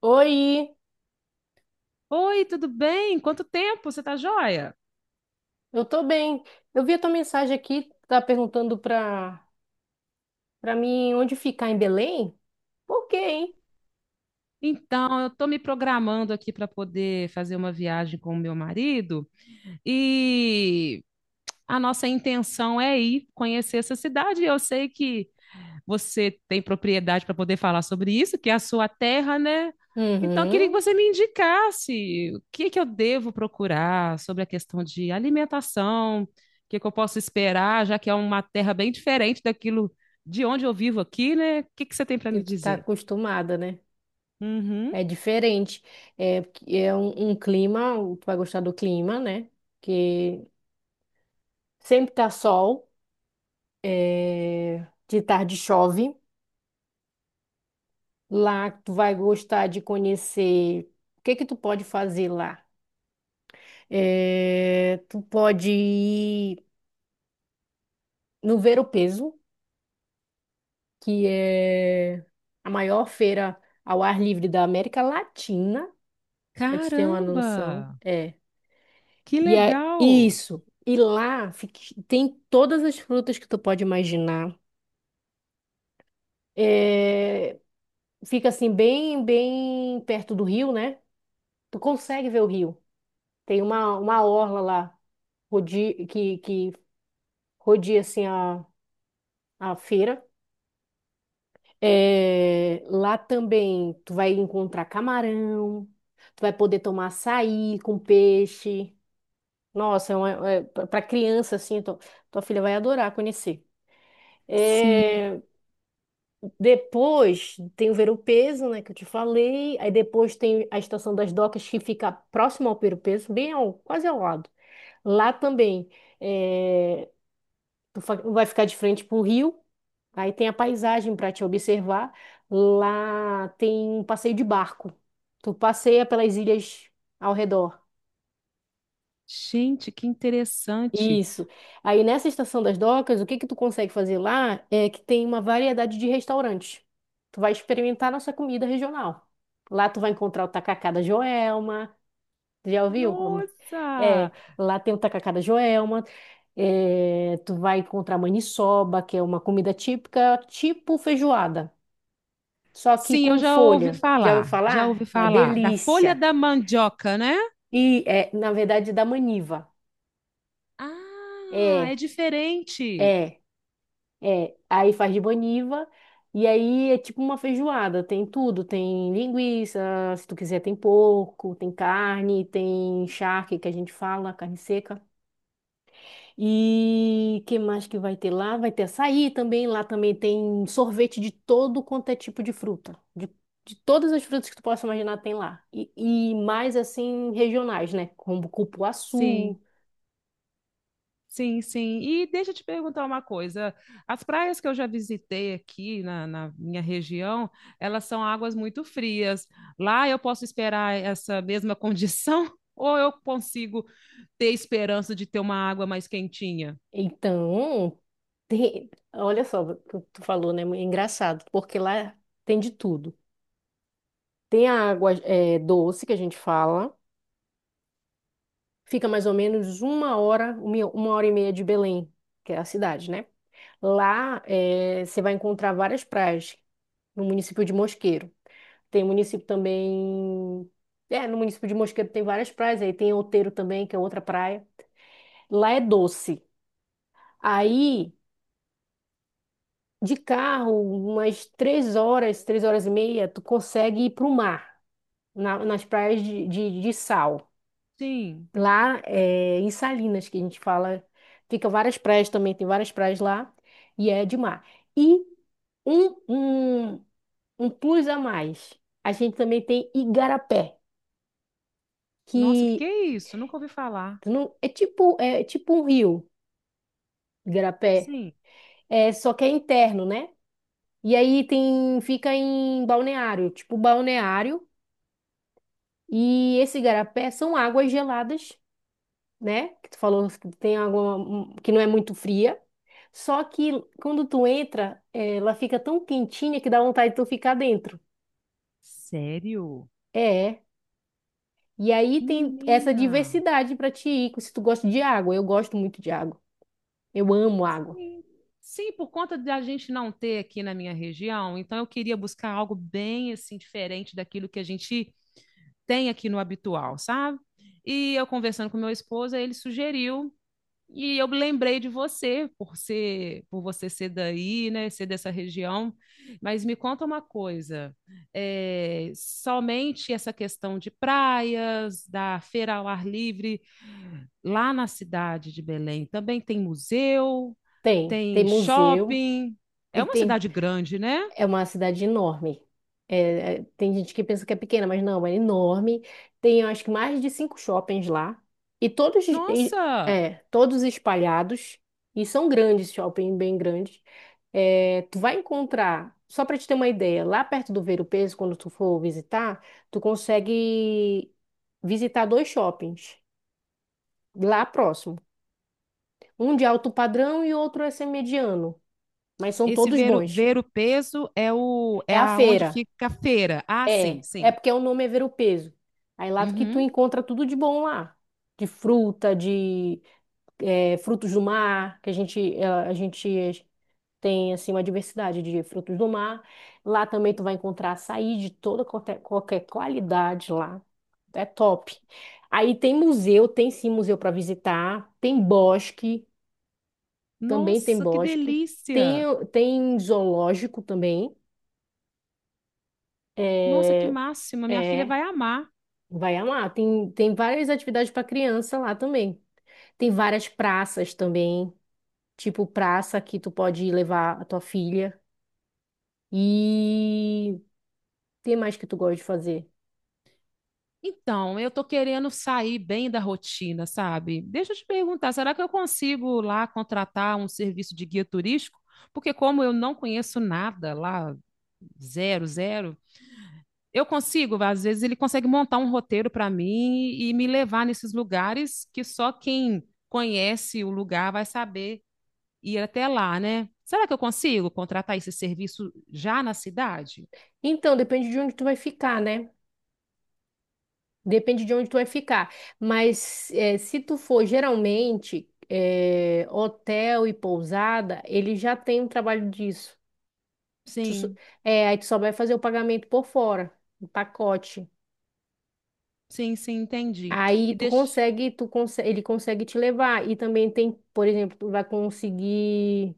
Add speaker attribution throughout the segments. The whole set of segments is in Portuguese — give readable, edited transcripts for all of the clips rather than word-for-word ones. Speaker 1: Oi,
Speaker 2: Oi, tudo bem? Quanto tempo? Você tá joia?
Speaker 1: eu tô bem. Eu vi a tua mensagem aqui, tá perguntando pra mim onde ficar em Belém? Por quê, hein?
Speaker 2: Então, eu estou me programando aqui para poder fazer uma viagem com o meu marido e a nossa intenção é ir conhecer essa cidade. Eu sei que você tem propriedade para poder falar sobre isso, que é a sua terra, né? Então, eu queria que
Speaker 1: Uhum,
Speaker 2: você me indicasse o que que eu devo procurar sobre a questão de alimentação, o que que eu posso esperar, já que é uma terra bem diferente daquilo de onde eu vivo aqui, né? O que que você tem para
Speaker 1: que
Speaker 2: me
Speaker 1: tu tá
Speaker 2: dizer?
Speaker 1: acostumada, né?
Speaker 2: Uhum.
Speaker 1: É diferente. É, porque é um clima, tu vai gostar do clima, né? Que sempre tá sol, é, de tarde chove. Lá tu vai gostar de conhecer o que que tu pode fazer lá. É, tu pode ir no Ver-o-Peso, que é a maior feira ao ar livre da América Latina, para te ter uma noção.
Speaker 2: Caramba,
Speaker 1: É.
Speaker 2: que
Speaker 1: E é
Speaker 2: legal!
Speaker 1: isso. E tem todas as frutas que tu pode imaginar. É, fica assim bem perto do rio, né? Tu consegue ver o rio. Tem uma orla lá que rodeia assim a feira. É, lá também tu vai encontrar camarão, tu vai poder tomar açaí com peixe. Nossa, é uma, é, para criança assim, tua filha vai adorar conhecer.
Speaker 2: Sim.
Speaker 1: É, depois tem o Ver-o-Peso, né, que eu te falei. Aí depois tem a Estação das Docas, que fica próximo ao Ver-o-Peso, bem ao, quase ao lado. Lá também é, vai ficar de frente pro rio. Aí tem a paisagem para te observar. Lá tem um passeio de barco. Tu passeia pelas ilhas ao redor.
Speaker 2: Gente, que interessante!
Speaker 1: Isso. Aí nessa estação das docas, o que que tu consegue fazer lá é que tem uma variedade de restaurantes. Tu vai experimentar nossa comida regional. Lá tu vai encontrar o tacacá da Joelma. Tu já ouviu, amor? É,
Speaker 2: Nossa!
Speaker 1: lá tem o tacacá da Joelma. É, tu vai encontrar maniçoba, que é uma comida típica, tipo feijoada, só que
Speaker 2: Sim, eu
Speaker 1: com folha. Já ouviu
Speaker 2: já ouvi
Speaker 1: falar? Uma
Speaker 2: falar da folha
Speaker 1: delícia.
Speaker 2: da mandioca, né?
Speaker 1: E é, na verdade, da maniva.
Speaker 2: Ah, é
Speaker 1: É,
Speaker 2: diferente.
Speaker 1: é, é. Aí faz de maniva. E aí é tipo uma feijoada, tem tudo, tem linguiça, se tu quiser tem porco, tem carne, tem charque que a gente fala, carne seca. E que mais que vai ter lá? Vai ter açaí também. Lá também tem sorvete de todo quanto é tipo de fruta. De todas as frutas que tu possa imaginar tem lá. E, mais assim, regionais, né? Como cupuaçu.
Speaker 2: Sim, sim, sim. E deixa eu te perguntar uma coisa. As praias que eu já visitei aqui na minha região, elas são águas muito frias. Lá eu posso esperar essa mesma condição ou eu consigo ter esperança de ter uma água mais quentinha?
Speaker 1: Então, tem... olha só o que tu falou, né? É engraçado, porque lá tem de tudo. Tem a água é, doce que a gente fala. Fica mais ou menos uma hora e meia de Belém, que é a cidade, né? Lá você vai encontrar várias praias no município de Mosqueiro. Tem município também. É, no município de Mosqueiro tem várias praias, aí tem Outeiro também, que é outra praia. Lá é doce. Aí, de carro, umas três horas e meia, tu consegue ir para o mar, nas praias de sal.
Speaker 2: Sim.
Speaker 1: Lá é, em Salinas, que a gente fala, fica várias praias também, tem várias praias lá, e é de mar. E um, um, um plus a mais, a gente também tem Igarapé,
Speaker 2: Nossa, o que que
Speaker 1: que
Speaker 2: é isso? Nunca ouvi falar.
Speaker 1: não, é tipo um rio, Igarapé,
Speaker 2: Sim.
Speaker 1: é, só que é interno, né? E aí tem, fica em balneário, tipo balneário, e esse Igarapé são águas geladas, né? Que tu falou que tem água que não é muito fria. Só que quando tu entra, ela fica tão quentinha que dá vontade de tu ficar dentro.
Speaker 2: Sério?
Speaker 1: É. E aí tem essa
Speaker 2: Menina.
Speaker 1: diversidade pra te ir, se tu gosta de água. Eu gosto muito de água. Eu amo água.
Speaker 2: Sim. Sim, por conta de a gente não ter aqui na minha região, então eu queria buscar algo bem assim diferente daquilo que a gente tem aqui no habitual, sabe? E eu conversando com meu esposo, aí ele sugeriu e eu me lembrei de você por ser, por você ser daí, né, ser dessa região. Mas me conta uma coisa, é, somente essa questão de praias, da feira ao ar livre lá na cidade de Belém também tem museu,
Speaker 1: Tem
Speaker 2: tem
Speaker 1: museu,
Speaker 2: shopping. É
Speaker 1: e
Speaker 2: uma
Speaker 1: tem,
Speaker 2: cidade grande, né?
Speaker 1: é uma cidade enorme. É, tem gente que pensa que é pequena, mas não, é enorme. Tem, eu acho que mais de cinco shoppings lá. E todos,
Speaker 2: Nossa,
Speaker 1: é, todos espalhados. E são grandes, shopping bem grandes. É, tu vai encontrar, só para te ter uma ideia, lá perto do Ver o Peso, quando tu for visitar, tu consegue visitar dois shoppings lá próximo. Um de alto padrão e outro é mediano, mas são
Speaker 2: esse
Speaker 1: todos
Speaker 2: ver o,
Speaker 1: bons.
Speaker 2: ver o peso é o é
Speaker 1: É a
Speaker 2: aonde
Speaker 1: feira.
Speaker 2: fica a feira. Ah,
Speaker 1: É,
Speaker 2: sim,
Speaker 1: é
Speaker 2: sim.
Speaker 1: porque o nome é ver o peso. Aí lá que tu
Speaker 2: Uhum.
Speaker 1: encontra tudo de bom lá. De fruta, de frutos do mar, que a gente, a gente tem assim uma diversidade de frutos do mar. Lá também tu vai encontrar açaí de toda qualquer qualidade lá. É top. Aí tem museu, tem sim museu para visitar, tem bosque, também tem
Speaker 2: Nossa, que
Speaker 1: bosque,
Speaker 2: delícia!
Speaker 1: tem zoológico também.
Speaker 2: Nossa, que
Speaker 1: É,
Speaker 2: máxima! Minha filha
Speaker 1: é.
Speaker 2: vai amar.
Speaker 1: Vai amar. Tem várias atividades para criança lá também. Tem várias praças também, tipo praça que tu pode levar a tua filha. E tem mais que tu gosta de fazer.
Speaker 2: Então, eu tô querendo sair bem da rotina, sabe? Deixa eu te perguntar, será que eu consigo lá contratar um serviço de guia turístico? Porque como eu não conheço nada lá, zero, zero, eu consigo, às vezes ele consegue montar um roteiro para mim e me levar nesses lugares que só quem conhece o lugar vai saber ir até lá, né? Será que eu consigo contratar esse serviço já na cidade?
Speaker 1: Então, depende de onde tu vai ficar, né? Depende de onde tu vai ficar. Mas se tu for geralmente hotel e pousada, ele já tem um trabalho disso. Tu, só-
Speaker 2: Sim,
Speaker 1: é, aí tu só vai fazer o pagamento por fora, o pacote.
Speaker 2: sim, sim, entendi.
Speaker 1: Aí
Speaker 2: E
Speaker 1: tu
Speaker 2: deixa
Speaker 1: consegue, ele consegue te levar. E também tem, por exemplo, tu vai conseguir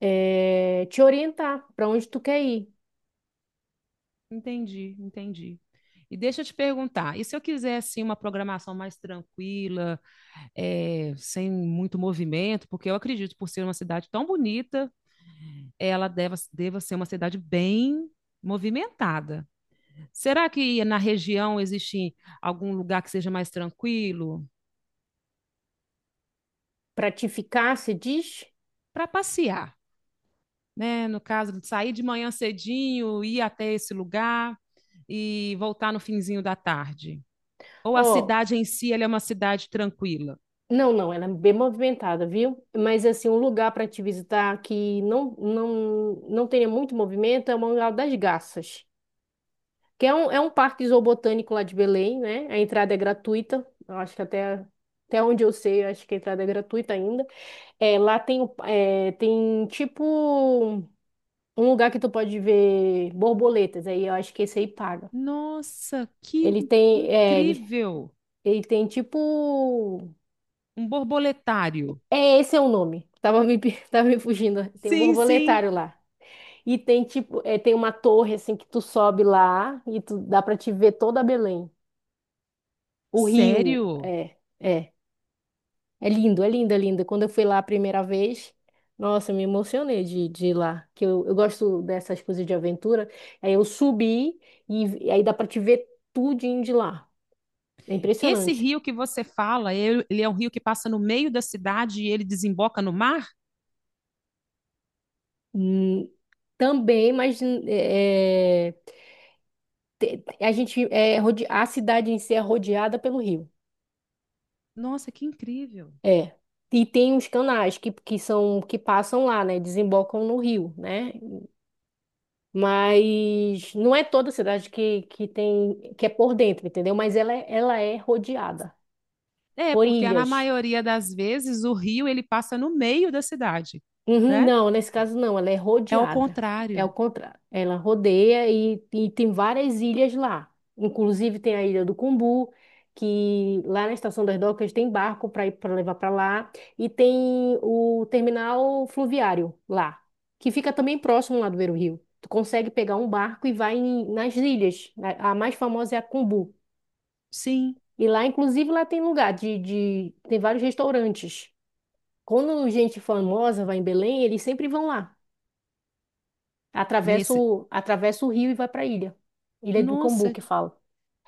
Speaker 1: te orientar para onde tu quer ir.
Speaker 2: Entendi, entendi. E deixa eu te perguntar, e se eu quiser assim uma programação mais tranquila, sem muito movimento, porque eu acredito por ser uma cidade tão bonita, ela deva, deva ser uma cidade bem movimentada. Será que na região existe algum lugar que seja mais tranquilo
Speaker 1: Para te ficar, se diz,
Speaker 2: para passear, né? No caso de sair de manhã cedinho, ir até esse lugar e voltar no finzinho da tarde. Ou a
Speaker 1: ó,
Speaker 2: cidade em si, ela é uma cidade tranquila?
Speaker 1: não, ela é bem movimentada, viu? Mas assim, um lugar para te visitar que não tenha muito movimento é o Mangá das Garças. Que é é um parque zoobotânico lá de Belém, né? A entrada é gratuita. Eu acho que até, até onde eu sei, eu acho que a entrada é gratuita ainda. É, lá tem, é, tem tipo um lugar que tu pode ver borboletas. Aí eu acho que esse aí paga.
Speaker 2: Nossa, que
Speaker 1: Ele tem, é, ele,
Speaker 2: incrível!
Speaker 1: ele tem tipo.
Speaker 2: Um borboletário.
Speaker 1: É, esse é o nome. Tava me, pe- Tava me fugindo. Tem um
Speaker 2: Sim, sim.
Speaker 1: borboletário lá. E tem tipo, é, tem uma torre assim que tu sobe lá e tu dá pra te ver toda Belém. O rio,
Speaker 2: Sério?
Speaker 1: é. É lindo. Quando eu fui lá a primeira vez, nossa, eu me emocionei de ir lá, que eu gosto dessas coisas de aventura. Aí eu subi e aí dá para te ver tudinho de lá. É
Speaker 2: Esse
Speaker 1: impressionante.
Speaker 2: rio que você fala, ele é um rio que passa no meio da cidade e ele desemboca no mar?
Speaker 1: Hum, também, mas é, a gente a cidade em si é rodeada pelo rio.
Speaker 2: Nossa, que incrível.
Speaker 1: É. E tem os canais que são que passam lá, né? Desembocam no rio, né? Mas não é toda cidade que tem que é por dentro, entendeu? Mas ela, ela é rodeada
Speaker 2: É,
Speaker 1: por
Speaker 2: porque na
Speaker 1: ilhas.
Speaker 2: maioria das vezes o rio ele passa no meio da cidade,
Speaker 1: Uhum,
Speaker 2: né?
Speaker 1: não, nesse caso não, ela é
Speaker 2: É ao
Speaker 1: rodeada. É o
Speaker 2: contrário.
Speaker 1: contrário. Ela rodeia e tem várias ilhas lá. Inclusive tem a Ilha do Cumbu, que lá na Estação das Docas tem barco para ir para levar para lá e tem o terminal fluviário lá, que fica também próximo lá do Beira-Rio. Tu consegue pegar um barco e nas ilhas. A mais famosa é a Cumbu.
Speaker 2: Sim,
Speaker 1: E lá, inclusive, lá tem lugar de tem vários restaurantes. Quando gente famosa vai em Belém, eles sempre vão lá.
Speaker 2: nesse.
Speaker 1: Atravessa o rio e vai para a ilha. Ilha do Cambu,
Speaker 2: Nossa,
Speaker 1: que fala.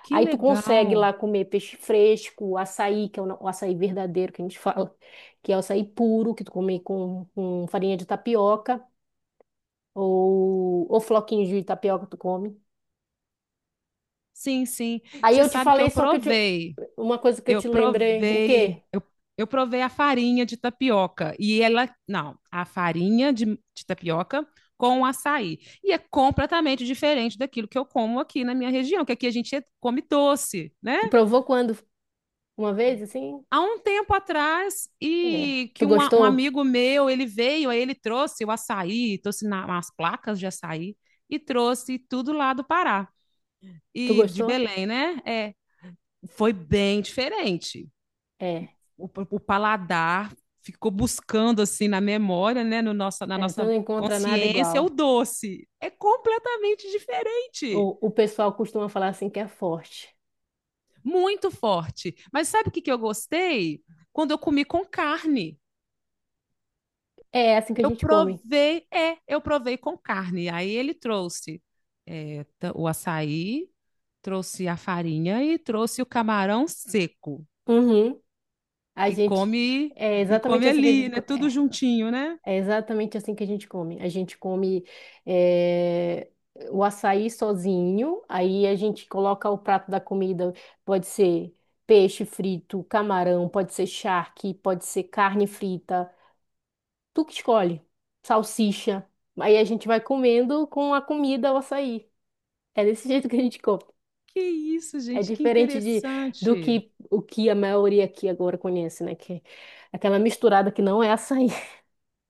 Speaker 2: que
Speaker 1: Aí tu consegue
Speaker 2: legal.
Speaker 1: lá comer peixe fresco, açaí, que é o açaí verdadeiro que a gente fala, que é o açaí puro, que tu come com farinha de tapioca, ou floquinhos de tapioca tu come.
Speaker 2: Sim, sim.
Speaker 1: Aí
Speaker 2: Você
Speaker 1: eu te
Speaker 2: sabe que eu
Speaker 1: falei só que eu te,
Speaker 2: provei
Speaker 1: uma coisa que eu
Speaker 2: Eu
Speaker 1: te lembrei, o
Speaker 2: provei,
Speaker 1: quê?
Speaker 2: eu, eu provei a farinha de tapioca e ela, não, a farinha de tapioca com açaí. E é completamente diferente daquilo que eu como aqui na minha região, que aqui a gente come doce, né?
Speaker 1: Tu provou quando? Uma vez, assim?
Speaker 2: Há um tempo atrás,
Speaker 1: É.
Speaker 2: e
Speaker 1: Tu
Speaker 2: que um
Speaker 1: gostou?
Speaker 2: amigo meu, ele veio, aí ele trouxe o açaí, trouxe na, umas placas de açaí e trouxe tudo lá do Pará
Speaker 1: Tu
Speaker 2: e de
Speaker 1: gostou?
Speaker 2: Belém, né? É, foi bem diferente.
Speaker 1: É.
Speaker 2: O paladar ficou buscando assim na memória, né, no nossa, na
Speaker 1: É, tu
Speaker 2: nossa
Speaker 1: não encontra nada
Speaker 2: consciência, o
Speaker 1: igual.
Speaker 2: doce. É completamente diferente,
Speaker 1: O pessoal costuma falar assim que é forte.
Speaker 2: muito forte. Mas sabe o que, que eu gostei? Quando eu comi com carne.
Speaker 1: É assim que a
Speaker 2: Eu
Speaker 1: gente come.
Speaker 2: provei, é, eu provei com carne. Aí ele trouxe o açaí, trouxe a farinha e trouxe o camarão seco.
Speaker 1: Uhum. A
Speaker 2: E
Speaker 1: gente.
Speaker 2: come,
Speaker 1: É
Speaker 2: e
Speaker 1: exatamente
Speaker 2: come
Speaker 1: assim que a
Speaker 2: ali,
Speaker 1: gente
Speaker 2: né?
Speaker 1: come.
Speaker 2: Tudo
Speaker 1: É,
Speaker 2: juntinho, né?
Speaker 1: é exatamente assim que a gente come. A gente come é, o açaí sozinho, aí a gente coloca o prato da comida, pode ser peixe frito, camarão, pode ser charque, pode ser carne frita. Tu que escolhe. Salsicha. Aí a gente vai comendo com a comida o açaí. É desse jeito que a gente come.
Speaker 2: Que isso,
Speaker 1: É
Speaker 2: gente, que
Speaker 1: diferente de, do
Speaker 2: interessante.
Speaker 1: que o que a maioria aqui agora conhece, né? Que é aquela misturada que não é açaí.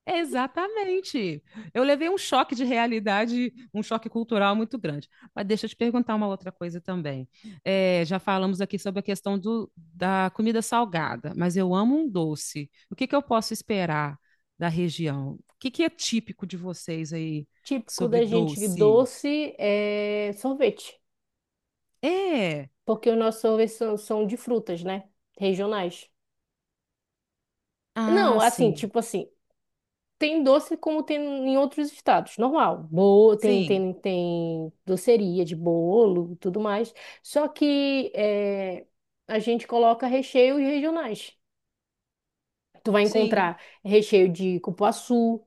Speaker 2: Exatamente. Eu levei um choque de realidade, um choque cultural muito grande. Mas deixa eu te perguntar uma outra coisa também. É, já falamos aqui sobre a questão da comida salgada, mas eu amo um doce. O que que eu posso esperar da região? O que que é típico de vocês aí
Speaker 1: Típico
Speaker 2: sobre
Speaker 1: da gente
Speaker 2: doce?
Speaker 1: doce é sorvete,
Speaker 2: É.
Speaker 1: porque os nossos sorvetes são, são de frutas, né? Regionais. Não,
Speaker 2: Ah,
Speaker 1: assim,
Speaker 2: sim.
Speaker 1: tipo assim, tem doce como tem em outros estados, normal. Bolo, tem,
Speaker 2: Sim.
Speaker 1: tem, tem doceria de bolo, e tudo mais. Só que é, a gente coloca recheios regionais. Tu vai
Speaker 2: Sim.
Speaker 1: encontrar recheio de cupuaçu,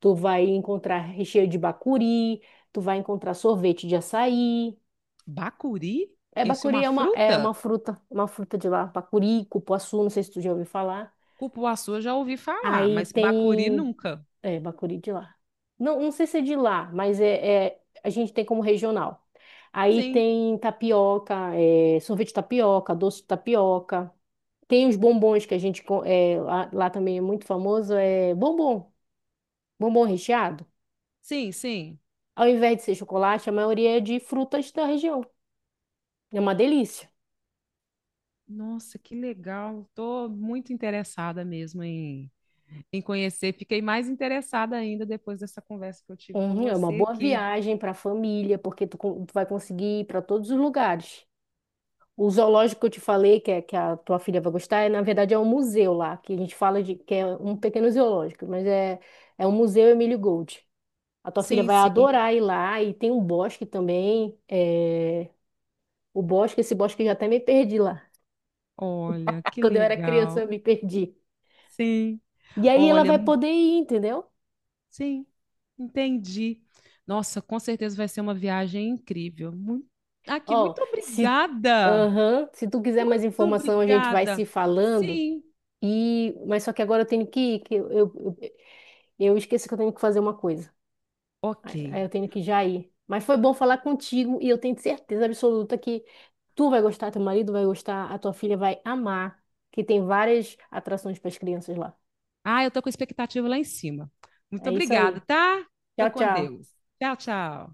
Speaker 1: tu vai encontrar recheio de bacuri, tu vai encontrar sorvete de açaí.
Speaker 2: Bacuri?
Speaker 1: É,
Speaker 2: Eu sou
Speaker 1: bacuri
Speaker 2: uma
Speaker 1: é
Speaker 2: fruta?
Speaker 1: uma fruta de lá. Bacuri, cupuaçu, não sei se tu já ouviu falar.
Speaker 2: Cupuaçu eu já ouvi falar,
Speaker 1: Aí
Speaker 2: mas bacuri
Speaker 1: tem...
Speaker 2: nunca.
Speaker 1: É, bacuri de lá. Não, não sei se é de lá, mas é, a gente tem como regional. Aí
Speaker 2: Sim,
Speaker 1: tem tapioca, é, sorvete de tapioca, doce de tapioca. Tem os bombons que a gente... é, lá também é muito famoso, é bombom. Bombom recheado,
Speaker 2: sim, sim.
Speaker 1: ao invés de ser chocolate, a maioria é de frutas da região. É uma delícia.
Speaker 2: Nossa, que legal. Tô muito interessada mesmo em, em conhecer. Fiquei mais interessada ainda depois dessa conversa que eu tive com
Speaker 1: Uhum, é uma
Speaker 2: você
Speaker 1: boa
Speaker 2: aqui.
Speaker 1: viagem para a família, porque tu, tu vai conseguir ir para todos os lugares. O zoológico que eu te falei, que, é, que a tua filha vai gostar, é, na verdade é um museu lá, que a gente fala de que é um pequeno zoológico, mas é, é um museu Emílio Gold. A tua filha
Speaker 2: Sim,
Speaker 1: vai
Speaker 2: sim.
Speaker 1: adorar ir lá e tem um bosque também. É, o bosque, esse bosque eu já até me perdi lá.
Speaker 2: Olha, que
Speaker 1: Quando eu era criança, eu
Speaker 2: legal.
Speaker 1: me perdi.
Speaker 2: Sim.
Speaker 1: E aí ela
Speaker 2: Olha,
Speaker 1: vai
Speaker 2: mu-
Speaker 1: poder ir, entendeu?
Speaker 2: sim. Entendi. Nossa, com certeza vai ser uma viagem incrível. Muito... Aqui,
Speaker 1: Ó,
Speaker 2: muito
Speaker 1: se,
Speaker 2: obrigada.
Speaker 1: aham, se tu quiser mais
Speaker 2: Muito
Speaker 1: informação, a gente vai se
Speaker 2: obrigada.
Speaker 1: falando.
Speaker 2: Sim.
Speaker 1: E, mas só que agora eu tenho que ir, que eu esqueci que eu tenho que fazer uma coisa.
Speaker 2: Ok.
Speaker 1: Aí eu tenho que já ir. Mas foi bom falar contigo e eu tenho certeza absoluta que tu vai gostar, teu marido vai gostar, a tua filha vai amar, que tem várias atrações para as crianças lá.
Speaker 2: Ah, eu tô com expectativa lá em cima. Muito
Speaker 1: É isso
Speaker 2: obrigada,
Speaker 1: aí.
Speaker 2: tá? Fica
Speaker 1: Tchau,
Speaker 2: com
Speaker 1: tchau.
Speaker 2: Deus. Tchau, tchau.